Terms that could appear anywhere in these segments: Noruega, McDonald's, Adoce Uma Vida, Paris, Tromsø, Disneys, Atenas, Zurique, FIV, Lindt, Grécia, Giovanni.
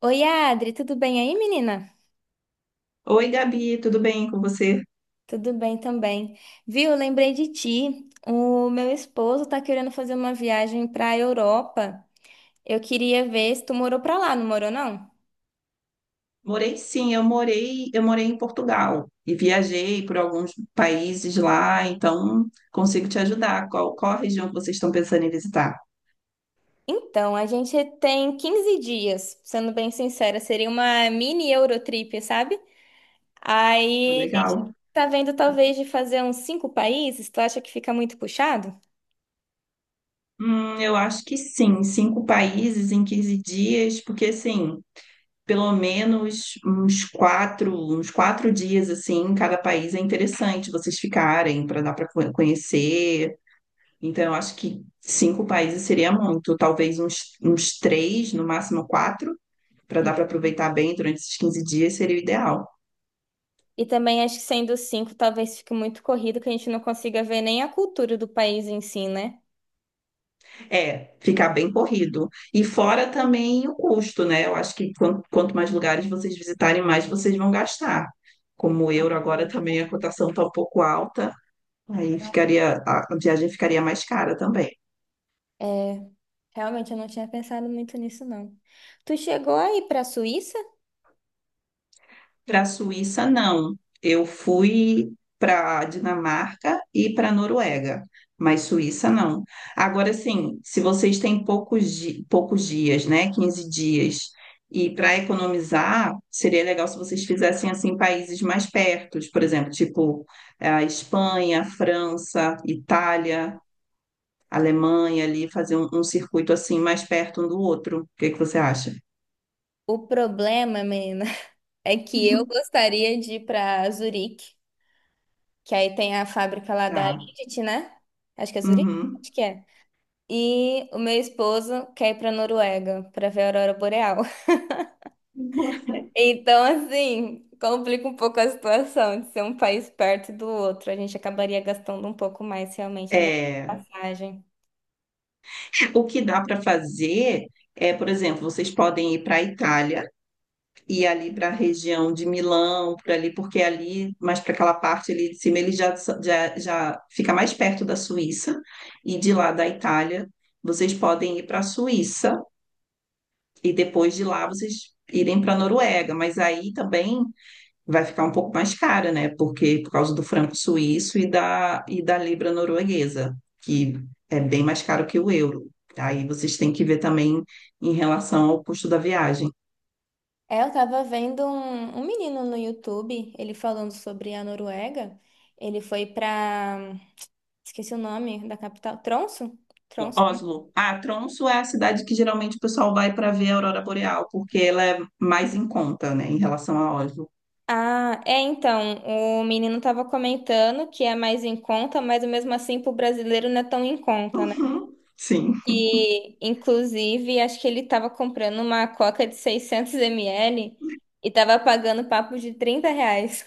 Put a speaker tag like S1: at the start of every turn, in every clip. S1: Oi, Adri, tudo bem aí, menina?
S2: Oi, Gabi, tudo bem com você?
S1: Tudo bem também. Viu, lembrei de ti. O meu esposo tá querendo fazer uma viagem pra Europa. Eu queria ver se tu morou pra lá, não morou não?
S2: Morei sim, eu morei em Portugal e viajei por alguns países lá, então consigo te ajudar. Qual a região que vocês estão pensando em visitar?
S1: Então, a gente tem 15 dias, sendo bem sincera, seria uma mini Eurotrip, sabe?
S2: Tá
S1: Aí a gente
S2: legal.
S1: tá vendo talvez de fazer uns 5 países, tu acha que fica muito puxado?
S2: Eu acho que sim, cinco países em 15 dias, porque assim, pelo menos uns quatro dias assim, em cada país é interessante vocês ficarem para dar para conhecer. Então, eu acho que cinco países seria muito, talvez uns três, no máximo quatro, para dar para aproveitar bem durante esses 15 dias seria o ideal.
S1: E também acho que sendo cinco, talvez fique muito corrido, que a gente não consiga ver nem a cultura do país em si, né?
S2: É, ficar bem corrido. E fora também o custo, né? Eu acho que quanto mais lugares vocês visitarem, mais vocês vão gastar. Como o euro agora também a cotação está um pouco alta, aí ficaria, a viagem ficaria mais cara também.
S1: É, realmente eu não tinha pensado muito nisso, não. Tu chegou aí pra Suíça?
S2: Para a Suíça, não. Eu fui para a Dinamarca e para a Noruega, mas Suíça não. Agora sim, se vocês têm poucos, poucos dias, né, 15 dias, e para economizar, seria legal se vocês fizessem assim países mais pertos, por exemplo, tipo a Espanha, França, Itália, Alemanha ali, fazer um circuito assim mais perto um do outro. O que que você acha?
S1: O problema, menina, é que eu gostaria de ir pra Zurique, que aí tem a fábrica lá da
S2: Tá.
S1: Lindt, né? Acho que é Zurique?
S2: Uhum.
S1: Acho que é. E o meu esposo quer ir pra Noruega pra ver a aurora boreal. Então, assim, complica um pouco a situação de ser um país perto do outro. A gente acabaria gastando um pouco mais, realmente, ainda com
S2: É,
S1: passagem.
S2: o que dá para fazer é, por exemplo, vocês podem ir para a Itália e ali para a região de Milão, por ali, porque ali, mais para aquela parte ali de cima, ele já fica mais perto da Suíça, e de lá da Itália, vocês podem ir para a Suíça e depois de lá vocês irem para a Noruega, mas aí também vai ficar um pouco mais cara, né? Porque por causa do franco suíço e da libra norueguesa, que é bem mais caro que o euro. Aí vocês têm que ver também em relação ao custo da viagem.
S1: É, eu tava vendo um menino no YouTube, ele falando sobre a Noruega. Ele foi pra. Esqueci o nome da capital. Tromsø? Tromsø, né?
S2: Oslo. Ah, Tromsø é a cidade que geralmente o pessoal vai para ver a aurora boreal, porque ela é mais em conta, né, em relação a Oslo.
S1: Ah, é, então, o menino tava comentando que é mais em conta, mas mesmo assim pro brasileiro não é tão em conta, né?
S2: Uhum, sim,
S1: E, inclusive, acho que ele tava comprando uma coca de 600 ml e tava pagando papo de R$ 30.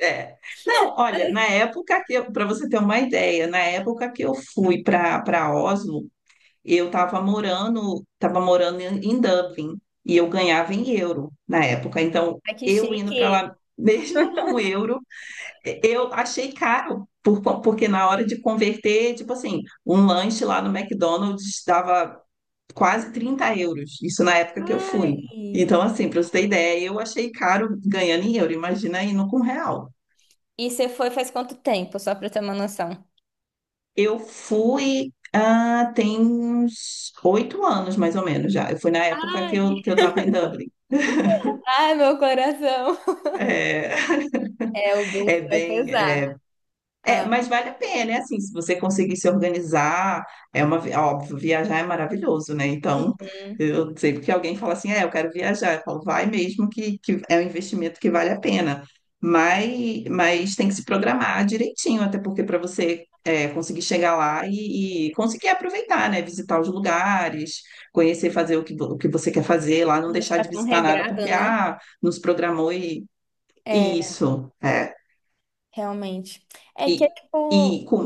S2: é. Não, olha, na época que eu, para você ter uma ideia, na época que eu fui para Oslo, eu estava morando em Dublin e eu ganhava em euro na época. Então,
S1: Ai, que
S2: eu indo para
S1: chique!
S2: lá, mesmo com o euro, eu achei caro, porque na hora de converter, tipo assim, um lanche lá no McDonald's dava quase 30 euros. Isso na época que eu fui.
S1: Ai.
S2: Então, assim, para você ter ideia, eu achei caro ganhando em euro. Imagina indo com real.
S1: E você foi faz quanto tempo, só pra eu ter uma noção?
S2: Eu fui. Ah, tem uns 8 anos, mais ou menos, já. Eu fui na época
S1: Ai.
S2: que eu estava em Dublin.
S1: Ai, meu coração.
S2: É,
S1: É, o
S2: é
S1: bolso vai
S2: bem.
S1: pesar.
S2: É, é,
S1: Ah,
S2: mas vale a pena, é assim, se você conseguir se organizar, é uma, óbvio, viajar é maravilhoso, né? Então,
S1: hum,
S2: eu sempre que alguém fala assim, é, eu quero viajar, eu falo, vai mesmo que é um investimento que vale a pena. Mas tem que se programar direitinho, até porque para você é, conseguir chegar lá e conseguir aproveitar, né? Visitar os lugares, conhecer, fazer o que, o que você quer fazer lá, não
S1: não
S2: deixar
S1: ficar
S2: de
S1: tão
S2: visitar nada,
S1: regrado,
S2: porque,
S1: né?
S2: ah, nos programou e. E
S1: É,
S2: isso, é.
S1: realmente. É que é
S2: E, e
S1: tipo.
S2: com...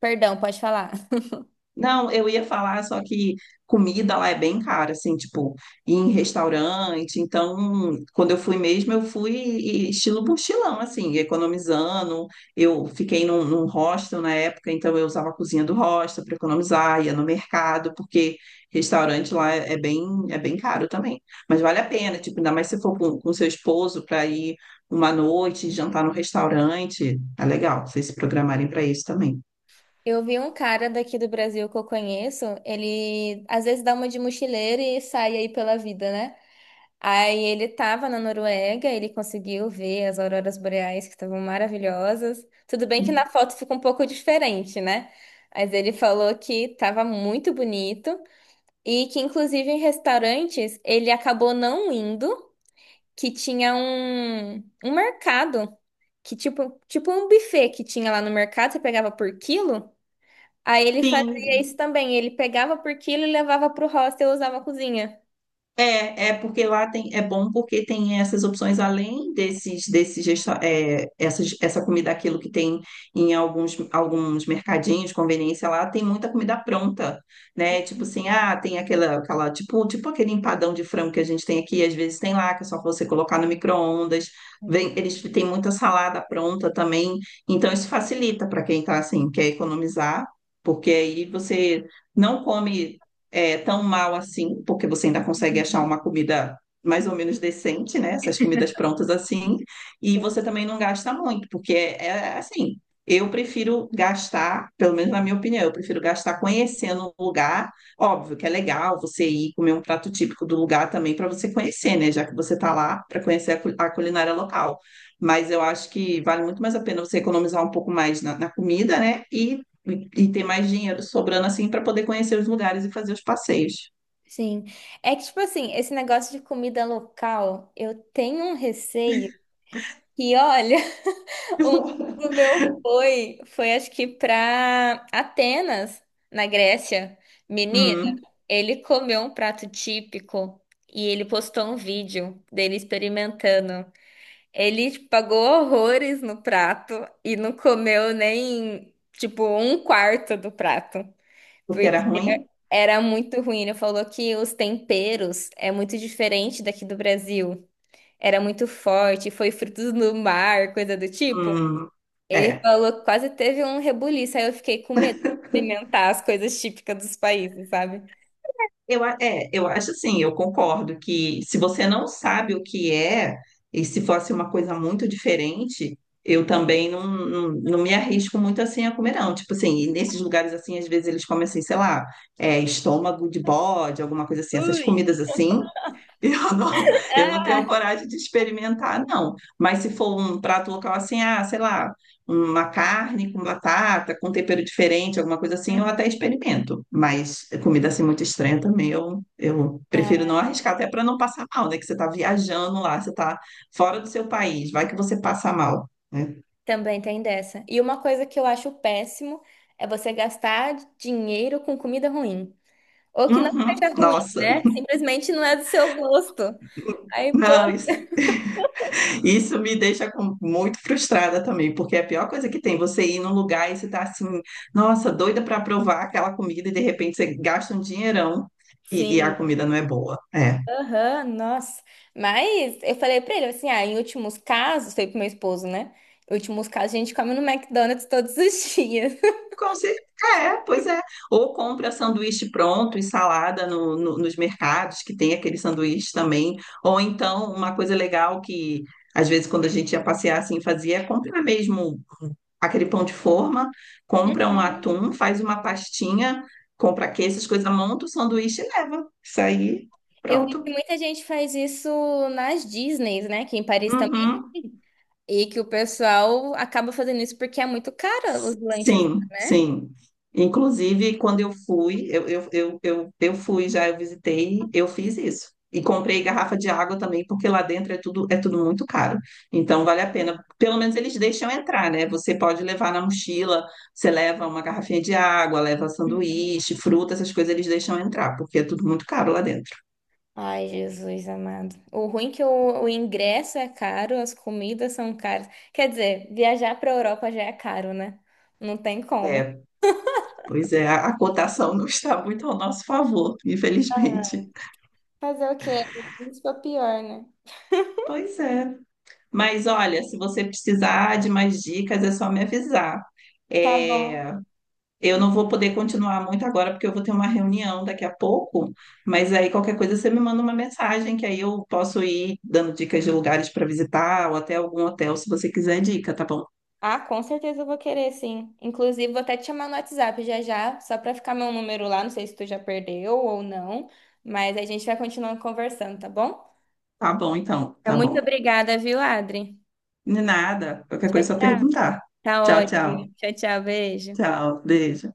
S1: Perdão, pode falar.
S2: Não, eu ia falar, só que comida lá é bem cara, assim, tipo, ir em restaurante. Então, quando eu fui mesmo, eu fui estilo mochilão, assim, economizando. Eu fiquei num hostel na época, então eu usava a cozinha do hostel para economizar, ia no mercado, porque restaurante lá é, é bem caro também. Mas vale a pena, tipo, ainda mais se for com seu esposo para ir uma noite, jantar no restaurante. É legal, vocês se programarem para isso também.
S1: Eu vi um cara daqui do Brasil que eu conheço, ele às vezes dá uma de mochileiro e sai aí pela vida, né? Aí ele estava na Noruega, ele conseguiu ver as auroras boreais que estavam maravilhosas. Tudo bem que na foto fica um pouco diferente, né? Mas ele falou que estava muito bonito e que inclusive em restaurantes ele acabou não indo, que tinha um mercado, que tipo, tipo um buffet que tinha lá no mercado, você pegava por quilo. Aí ele fazia
S2: Sim,
S1: isso também, ele pegava por quilo e levava para o hostel e usava a cozinha.
S2: é, é porque lá tem, é bom porque tem essas opções além desses é, essa comida aquilo que tem em alguns mercadinhos, conveniência lá, tem muita comida pronta, né? Tipo assim, ah, tem aquela tipo, tipo aquele empadão de frango que a gente tem aqui, às vezes tem lá, que é só você colocar no micro-ondas, vem, eles têm muita salada pronta também, então isso facilita para quem tá assim, quer economizar, porque aí você não come é, tão mal assim, porque você ainda consegue achar uma comida mais ou menos decente, né? Essas comidas prontas assim, e você também não gasta muito, porque é, é assim. Eu prefiro gastar, pelo menos na minha opinião, eu prefiro gastar conhecendo o lugar. Óbvio que é legal você ir comer um prato típico do lugar também para você conhecer, né? Já que você está lá para conhecer a, a culinária local. Mas eu acho que vale muito mais a pena você economizar um pouco mais na, na comida, né? E ter mais dinheiro sobrando assim para poder conhecer os lugares e fazer os passeios.
S1: Sim. É que, tipo assim, esse negócio de comida local, eu tenho um receio que, olha, um amigo meu foi acho que pra Atenas, na Grécia. Menina,
S2: Hum,
S1: ele comeu um prato típico e ele postou um vídeo dele experimentando. Ele tipo, pagou horrores no prato e não comeu nem, tipo, um quarto do prato.
S2: porque era ruim?
S1: Era muito ruim. Ele falou que os temperos é muito diferente daqui do Brasil. Era muito forte, foi frutos do mar, coisa do tipo.
S2: Hum,
S1: Ele
S2: é.
S1: falou que quase teve um rebuliço. Aí eu fiquei com medo de experimentar as coisas típicas dos países, sabe?
S2: Eu, é, eu acho assim, eu concordo que se você não sabe o que é, e se fosse uma coisa muito diferente, eu também não me arrisco muito assim a comer, não. Tipo assim, e nesses lugares assim, às vezes eles comem assim, sei lá, é, estômago de bode, alguma coisa assim, essas comidas assim, eu não, eu não tenho coragem de experimentar, não. Mas se for um prato local assim, ah, sei lá, uma carne com batata, com tempero diferente, alguma coisa assim, eu
S1: Uhum.
S2: até experimento. Mas comida assim muito estranha também, eu prefiro
S1: Ah,
S2: não arriscar, até para não passar mal, né? Que você está viajando lá, você está fora do seu país, vai que você passa mal, né?
S1: também tem dessa. E uma coisa que eu acho péssimo é você gastar dinheiro com comida ruim. Ou que não
S2: Uhum,
S1: seja ruim,
S2: nossa,
S1: né? Simplesmente não é do seu gosto. Aí, pô.
S2: não, isso me deixa muito frustrada também, porque é a pior coisa que tem, você ir num lugar e você tá assim, nossa, doida para provar aquela comida e de repente você gasta um dinheirão e a
S1: Sim.
S2: comida não é boa. É.
S1: Aham, nossa. Mas eu falei pra ele assim: ah, em últimos casos, falei pro meu esposo, né? Em últimos casos, a gente come no McDonald's todos os dias.
S2: Com certeza, é, pois é. Ou compra sanduíche pronto e salada nos mercados, que tem aquele sanduíche também. Ou então, uma coisa legal que, às vezes, quando a gente ia passear assim, fazia, é comprar mesmo aquele pão de forma, compra um
S1: Uhum.
S2: atum, faz uma pastinha, compra queijo, essas coisas, monta o sanduíche e leva. Isso aí,
S1: Eu vi que
S2: pronto.
S1: muita gente faz isso nas Disneys, né? Que em Paris também.
S2: Uhum.
S1: E que o pessoal acaba fazendo isso porque é muito caro os lanches,
S2: Sim,
S1: né?
S2: sim. Inclusive, quando eu fui, eu fui já, eu visitei, eu fiz isso. E comprei garrafa de água também, porque lá dentro é tudo muito caro. Então, vale a pena. Pelo menos eles deixam entrar, né? Você pode levar na mochila, você leva uma garrafinha de água, leva
S1: Uhum.
S2: sanduíche, fruta, essas coisas eles deixam entrar, porque é tudo muito caro lá dentro.
S1: Ai, Jesus amado. O ruim é que o ingresso é caro, as comidas são caras. Quer dizer, viajar pra Europa já é caro, né? Não tem como.
S2: É, pois é, a cotação não está muito ao nosso favor, infelizmente.
S1: Fazer o quê? Isso é pior, né?
S2: Pois é. Mas olha, se você precisar de mais dicas, é só me avisar.
S1: Tá bom.
S2: É, eu não vou poder continuar muito agora, porque eu vou ter uma reunião daqui a pouco, mas aí qualquer coisa você me manda uma mensagem, que aí eu posso ir dando dicas de lugares para visitar, ou até algum hotel, se você quiser dica, tá bom?
S1: Ah, com certeza eu vou querer, sim. Inclusive, vou até te chamar no WhatsApp já já, só pra ficar meu número lá. Não sei se tu já perdeu ou não, mas a gente vai continuando conversando, tá bom?
S2: Tá bom, então,
S1: Então,
S2: tá
S1: muito
S2: bom.
S1: obrigada, viu, Adri?
S2: De nada, qualquer
S1: Tchau,
S2: coisa é só
S1: tchau.
S2: perguntar.
S1: Tá
S2: Tchau,
S1: ótimo.
S2: tchau,
S1: Tchau, tchau. Beijo.
S2: tchau, beijo.